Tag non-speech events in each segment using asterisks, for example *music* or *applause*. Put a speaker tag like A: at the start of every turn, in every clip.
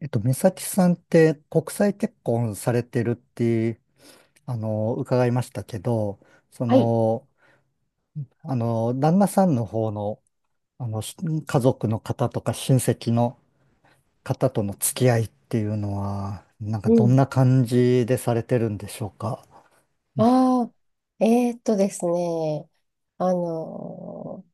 A: 美咲さんって国際結婚されてるって、伺いましたけど、そ
B: はい。
A: の、旦那さんの方の、あの、し家族の方とか親戚の方との付き合いっていうのは、なんか
B: う
A: どん
B: ん。
A: な感じでされてるんでしょうか。
B: ああ、ですね。あのー、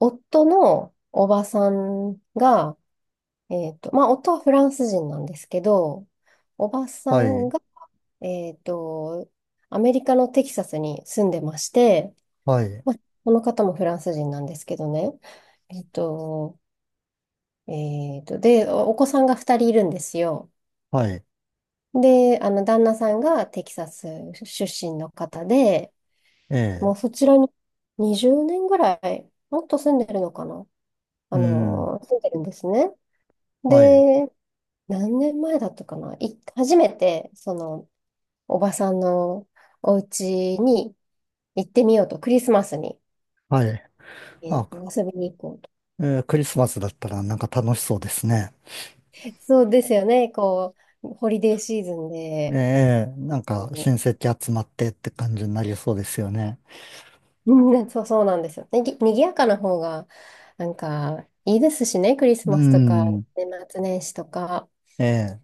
B: 夫のおばさんが、まあ、夫はフランス人なんですけど、おばさ
A: は
B: ん
A: い、
B: が、えーっと、アメリカのテキサスに住んでまして、
A: はい、
B: まあ、この方もフランス人なんですけどね。えーっと、えで、お子さんが2人いるんですよ。
A: はい、
B: で、旦那さんがテキサス出身の方で、
A: ええ、
B: もうそちらに20年ぐらい、もっと住んでるのかな
A: うん、
B: 住んでるんですね。
A: はい、
B: で、何年前だったかない初めて、おばさんのお家に行ってみようと、クリスマスに、
A: はい。あ、
B: 遊びに行こうと。
A: クリスマスだったらなんか楽しそうですね。
B: *laughs* そうですよね。こう、ホリデーシーズンで、
A: ええ、なんか親
B: こ
A: 戚集まってって感じになりそうですよね。
B: う、うん、そう、そうなんですよ。にぎやかな方が、なんか、いいですしね、クリス
A: う
B: マスとか、
A: ん、
B: 年末年始とか。
A: ええ、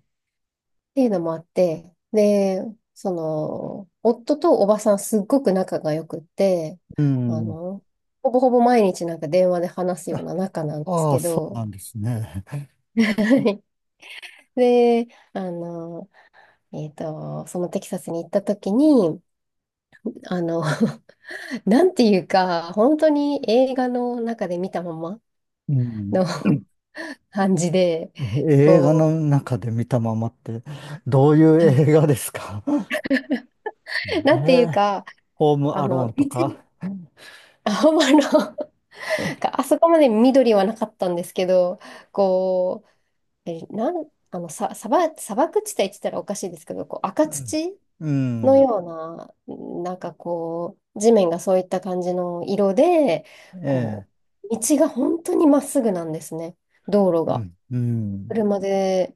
B: ていうのもあって、で、夫とおばさんすっごく仲が良くって、
A: う
B: あ
A: ん。
B: の、ほぼほぼ毎日なんか電話で話すような仲なんです
A: ああ、
B: け
A: そう
B: ど。
A: なんですね。
B: はい。で、あの、そのテキサスに行った時に、あの、*laughs* なんていうか、本当に映画の中で見たまま
A: うん。
B: の *laughs* 感じで、
A: え映画
B: こ
A: の
B: う、
A: 中で見たままって、どういう
B: はい、
A: 映画ですか？ *laughs* ね
B: なんていう
A: え、
B: か、
A: ホームアローンと
B: 別に
A: か。
B: *laughs* ほんまのなんかあそこまで緑はなかったんですけど、こう、え、なん、あの、さ、砂漠地帯って言ったらおかしいですけど、こう赤
A: うん。
B: 土
A: う
B: の
A: ん。
B: ような、うん、なんかこう、地面がそういった感じの色で、
A: ええ、
B: こう、道が本当にまっすぐなんですね、道路
A: う
B: が。
A: ん。うん。
B: 車で、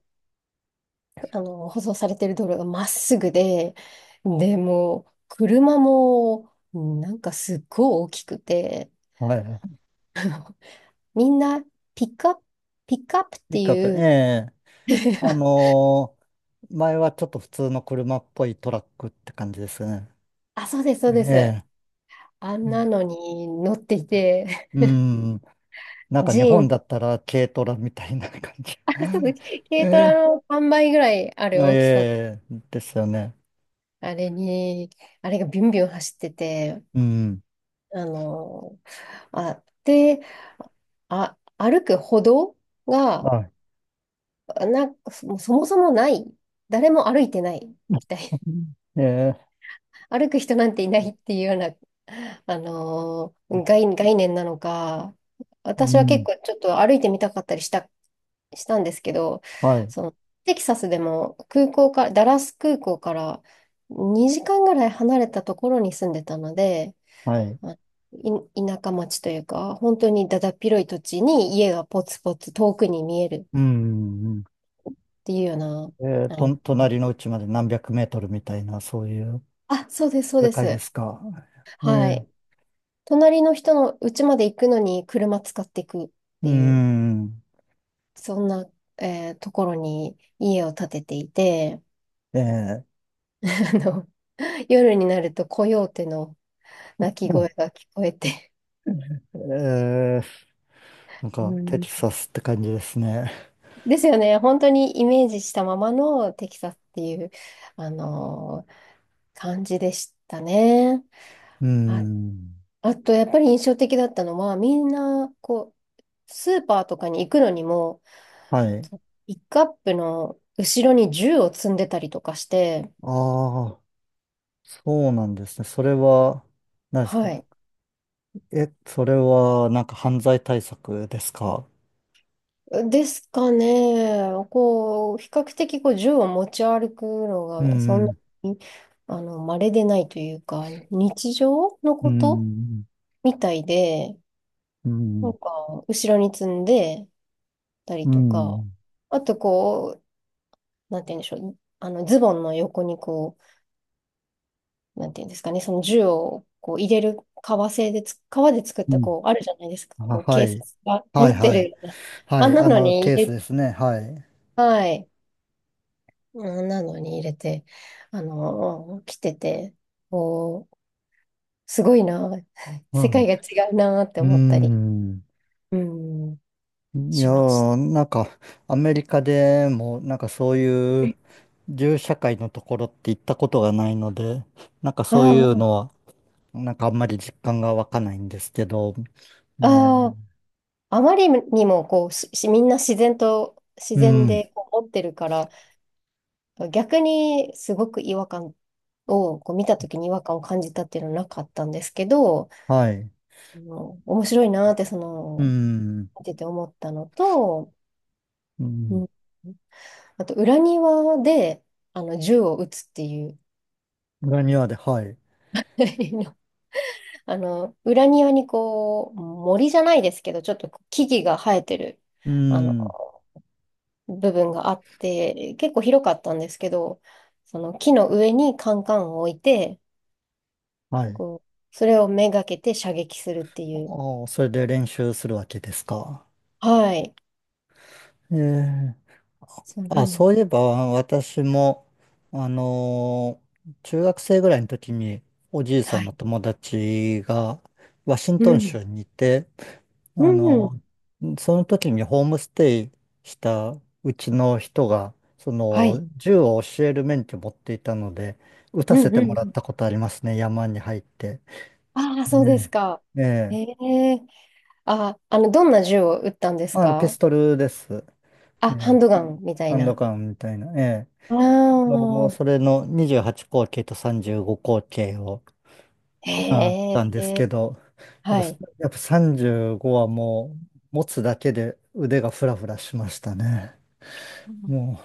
B: 舗装されてる道路がまっすぐで、でもう、車も、なんかすっごい大きくて、
A: は
B: みんな、ピックアップピックアップって
A: い。いかと、
B: い
A: え
B: う。
A: え、あ
B: *laughs*
A: のー前はちょっと普通の車っぽいトラックって感じですね。
B: あ、そうです、そ
A: え
B: うです。
A: え。
B: あんなのに乗っていて、
A: うん。な
B: *laughs*
A: んか
B: ジ
A: 日
B: ー
A: 本
B: ン、
A: だったら軽トラみたいな感じ。
B: *laughs* あ、そうです、
A: *laughs*
B: 軽ト
A: え
B: ラの3倍ぐらいある大きさの、
A: ですよね。
B: あれに、あれがビュンビュン走ってて、
A: うん。
B: あの、あ、で、歩く歩道が、
A: はい。
B: そもそもない、誰も歩いてないみたい、
A: *laughs* え
B: 歩く人なんていないっていうような、
A: ー、
B: 概念なのか、
A: う
B: 私は結
A: ん。
B: 構ちょっと歩いてみたかったりしたんですけど、
A: はい。
B: その、テキサスでも空港から、ダラス空港から2時間ぐらい離れたところに住んでたので、
A: はい。
B: まあ田舎町というか、本当にだだっ広い土地に家がポツポツ遠くに見える
A: うん。うん。
B: っていうような、あの、
A: 隣の家まで何百メートルみたいな、そういう
B: あ、そうです、そう
A: 世
B: で
A: 界で
B: す。
A: すか。え
B: は
A: ー、
B: い。隣の人の家まで行くのに車使っていくっ
A: う
B: ていう、
A: ん。
B: そんな、ところに家を建てていて、
A: えー、
B: *laughs* あの、夜になるとコヨーテの鳴き
A: う
B: 声
A: ん。
B: が聞こえて。
A: えー、なん
B: う
A: かテ
B: ん。
A: キサスって感じですね。
B: ですよね。本当にイメージしたままのテキサスっていう、あのー感じでしたね。
A: う
B: あ、
A: ん。
B: あと、やっぱり印象的だったのは、みんな、こう、スーパーとかに行くのにも、
A: はい。
B: とピックアップの後ろに銃を積んでたりとかして。
A: ああ。そうなんですね。それは、何です
B: は
A: か？
B: い。
A: それは、なんか犯罪対策ですか？
B: ですかね。こう、比較的こう銃を持ち歩くの
A: う
B: が、そんな
A: ん、
B: に、稀でないというか、日常の
A: う
B: こと
A: ん、
B: みたいで、
A: う
B: なん
A: ん、
B: か、後ろに積んでたり
A: う
B: とか、
A: ん、
B: あとこう、なんて言うんでしょう。ズボンの横になんていうんですかね、その銃をこう入れる革で作っ
A: う
B: た
A: ん。
B: こう、あるじゃないですか。
A: あ、
B: こう、
A: は
B: 警察
A: い。
B: が
A: はい、
B: 持って
A: はい。
B: るような。
A: は
B: あん
A: い、
B: なのに
A: ケー
B: 入
A: ス
B: れ、
A: ですね。はい。
B: はい。あんなのに入れて、着てて、こう、すごいな、*laughs* 世
A: は
B: 界が違うなって
A: い。う
B: 思ったり、
A: ん。
B: うん、
A: いや
B: しました。
A: ー、なんか、アメリカでも、なんかそういう、銃社会のところって行ったことがないので、なんかそういう
B: あ
A: のは、なんかあんまり実感が湧かないんですけど、
B: あ、
A: ね。
B: ああ、あまりにもこう、みんな、自
A: う
B: 然
A: ん、
B: でこう持ってるから、逆にすごく違和感をこう見た時に違和感を感じたっていうのはなかったんですけど、
A: はい。
B: 面白いなーってそ
A: う
B: の
A: ん、
B: 見てて思ったのと、
A: う
B: う
A: ん。
B: ん、あと裏庭で銃を撃つっていう。
A: 裏庭で、はい。
B: *laughs* 裏庭にこう、森じゃないですけどちょっと木々が生えてる
A: う
B: あの
A: ん、
B: 部分があって結構広かったんですけど、その木の上にカンカンを置いて、
A: はい。
B: こうそれをめがけて射撃するっていう。
A: ああ、それで練習するわけですか。
B: はい。
A: ええ。
B: そうな
A: あ、
B: の。
A: そういえば、私も、あのー中学生ぐらいの時に、おじいさ
B: は
A: んの
B: い。
A: 友達が、ワシン
B: う
A: トン
B: ん。
A: 州にいて、
B: う
A: あの
B: ん。
A: その時にホームステイしたうちの人が、そ
B: は
A: の
B: い。
A: 銃を教える免許持っていたので、撃た
B: うん、う
A: せ
B: ん、
A: てもら
B: う
A: っ
B: ん。
A: たことありますね、山に入って。
B: ああ、そうで
A: ね。
B: すか。
A: ええ、
B: へえ。あ、どんな銃を撃ったんです
A: ピス
B: か？
A: トルです。
B: あ、
A: え
B: ハ
A: え、
B: ンドガンみたい
A: ハンド
B: な。
A: ガンみたいな。え
B: あ
A: え、
B: あ、
A: それの28口径と35口径を、あっ
B: へ
A: たんですけ
B: え。
A: ど、や
B: は
A: っぱ、
B: い。
A: やっぱ35はもう、持つだけで腕がフラフラしましたね。も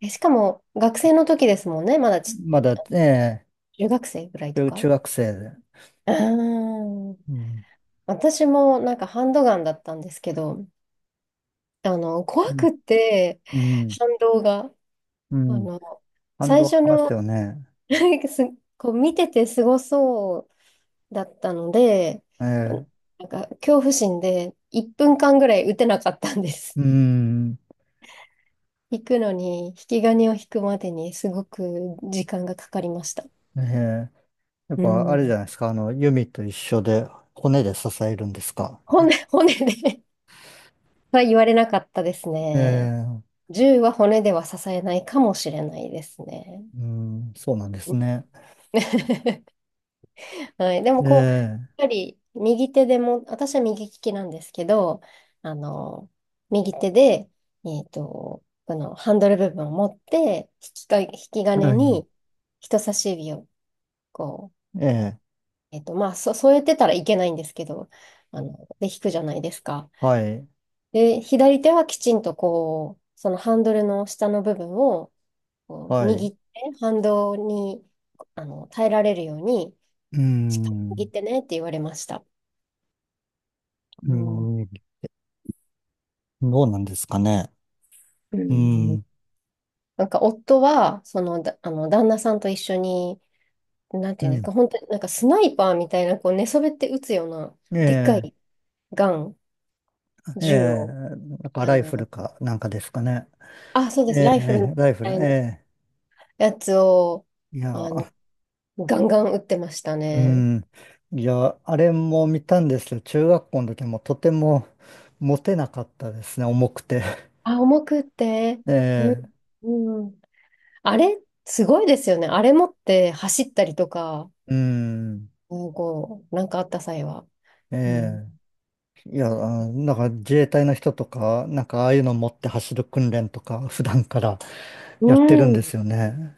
B: え、しかも、学生の時ですもんね。まだ
A: う、まだ、ね
B: 中学生ぐらいと
A: 中
B: か。
A: 中学生で。
B: ああ、
A: うん。
B: 私もなんかハンドガンだったんですけど、
A: う
B: 怖
A: ん。
B: くって、
A: うん。
B: 反動が。
A: う
B: あ
A: ん。
B: の、
A: 感
B: 最
A: 動あ
B: 初
A: ります
B: の、
A: よね。
B: *laughs* すこう見ててすごそうだったので、
A: ええ。
B: なんか恐怖心で1分間ぐらい打てなかったんです。
A: うん。
B: *laughs* 引くのに、引き金を引くまでにすごく時間がかかりました。
A: ええ。やっ
B: う
A: ぱあれじ
B: ん。
A: ゃないですか。弓と一緒で骨で支えるんですか。
B: 骨で *laughs* は言われなかったです
A: え
B: ね。
A: え。
B: 銃は骨では支えないかもしれないですね。
A: うん。そうなんですね。
B: *laughs* はい。でも
A: え
B: こう、やっぱ
A: え。
B: り右手でも、私は右利きなんですけど、あの、右手で、このハンドル部分を持って、引き金
A: はい。
B: に人差し指をこう、
A: ええ。
B: 添えてたらいけないんですけど、で、引くじゃないですか。
A: はい。
B: で、左手はきちんとこう、そのハンドルの下の部分をこう
A: は
B: 握
A: い。
B: って、反動に、耐えられるように、
A: う
B: しっかり握
A: ん。
B: ってねって言われました。
A: う
B: うん。
A: ん。どうなんですかね。
B: う
A: う
B: ん、
A: ん。
B: なんか夫は、その、だ、あの、旦那さんと一緒に、なんて
A: う
B: いうんです
A: ん。
B: か、本当になんかスナイパーみたいな、こう寝そべって撃つような、
A: え
B: でっか
A: え。
B: いガン、
A: え
B: 銃
A: え。
B: を、
A: なんか
B: あ
A: ライフ
B: の、
A: ルかなんかですかね。
B: あ、そうです、
A: え
B: ライフルみ
A: え。ライフル。
B: たい
A: え
B: な
A: え。
B: やつを、
A: いや
B: あの、
A: ー、
B: ガンガン撃ってました
A: う
B: ね。
A: ん。いや、あれも見たんですけど、中学校の時もとてもモテなかったですね、重くて。
B: あ、重くって、
A: *laughs* え
B: うん、
A: え、
B: うん。あれ、すごいですよね。あれ持って走ったりとか、
A: うん。
B: うん、こう、なんかあった際は。うん。
A: ええ。いや、なんか自衛隊の人とか、なんかああいうの持って走る訓練とか、普段から
B: う
A: やってるんで
B: ん。
A: すよね。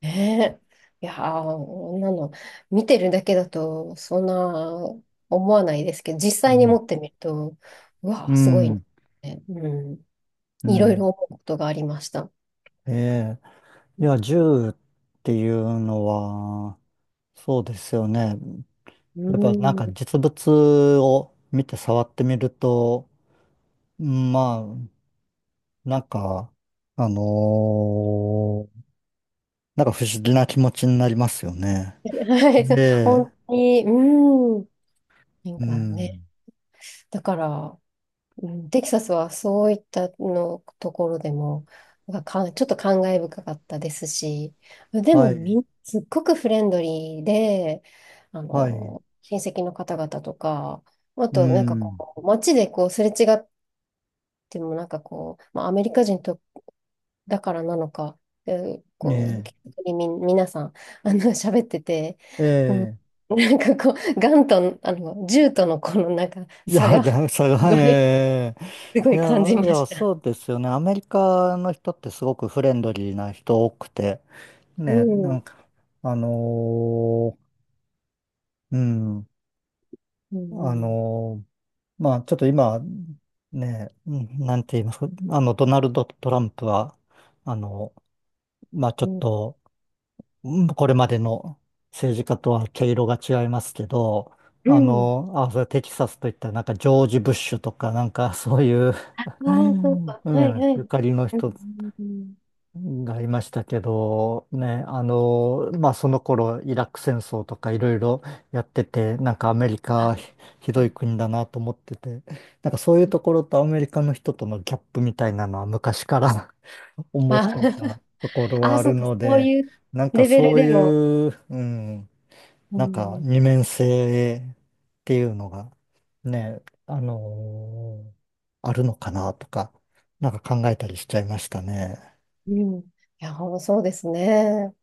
B: ねえ。いやー、こんなの、見てるだけだと、そんな思わないですけど、実
A: う
B: 際に
A: ん。
B: 持ってみると、うわ
A: う
B: ー、すごいね。
A: ん。
B: うん。
A: う
B: いろい
A: ん。
B: ろ思うことがありました。
A: ええ。いや、銃っていうのは、そうですよね。
B: う
A: やっぱなんか
B: ん。
A: 実物を見て触ってみると、まあ、なんか、あのーなんか不思議な気持ちになりますよね。
B: *laughs* はい、そう、
A: ええ、
B: 本当に、うん。なん
A: う
B: かね、
A: ん。
B: だから、うん、テキサスはそういったのところでも、なんかちょっと感慨深かったですし、でも
A: はい、
B: すっごくフレンドリーで、
A: はい、
B: 親戚の方々とか、あ
A: う
B: となんか
A: ん。
B: こう、街でこう、すれ違ってもなんかこう、まあ、アメリカ人とだからなのか、えこう、
A: ね
B: 気さみ、皆さん、*laughs* 喋ってて、
A: え、
B: うん、
A: ええ。
B: *laughs* なんかこう、ガンと、あの、銃とのこのなんか
A: い
B: 差
A: や、
B: が、
A: い
B: *laughs* す
A: や、それは、
B: ごい、
A: え
B: すご
A: え。い
B: い
A: や、
B: 感じま
A: いや、
B: した。
A: そうですよね。アメリカの人ってすごくフレンドリーな人多くて、
B: う
A: ね、
B: ん、
A: な
B: う
A: ん
B: ん、
A: か、あのーうん、
B: う
A: あ
B: ん、
A: のーまあ、ちょっと今、ね、うん。なんて言いますか、ドナルド・トランプは、あの、まあちょ
B: う
A: っ
B: ん。
A: と、うん。これまでの政治家とは毛色が違いますけど、
B: うん、
A: それテキサスといったらなんかジョージ・ブッシュとか、なんかそういう、
B: ああ、
A: う
B: そう
A: ん、
B: か。
A: *laughs* う
B: はい、
A: ん。
B: は
A: ゆ
B: い。
A: かりの
B: うん、
A: 人
B: うん、
A: がいましたけど、ね、まあ、その頃、イラク戦争とかいろいろやってて、なんかアメリカひひ
B: う
A: どい
B: ん。
A: 国だなと思ってて、なんかそういうところとアメリカの人とのギャップみたいなのは昔から *laughs* 思っ
B: あ
A: ていたとこ
B: *laughs*
A: ろは
B: あ、
A: あ
B: そ
A: る
B: うか。
A: の
B: そう
A: で、
B: いう
A: なんか
B: レベル
A: そう
B: でも。
A: いう、うん、
B: う
A: なんか
B: ん、
A: 二面性っていうのが、ね、あるのかなとか、なんか考えたりしちゃいましたね。
B: うん。いや、そうですね。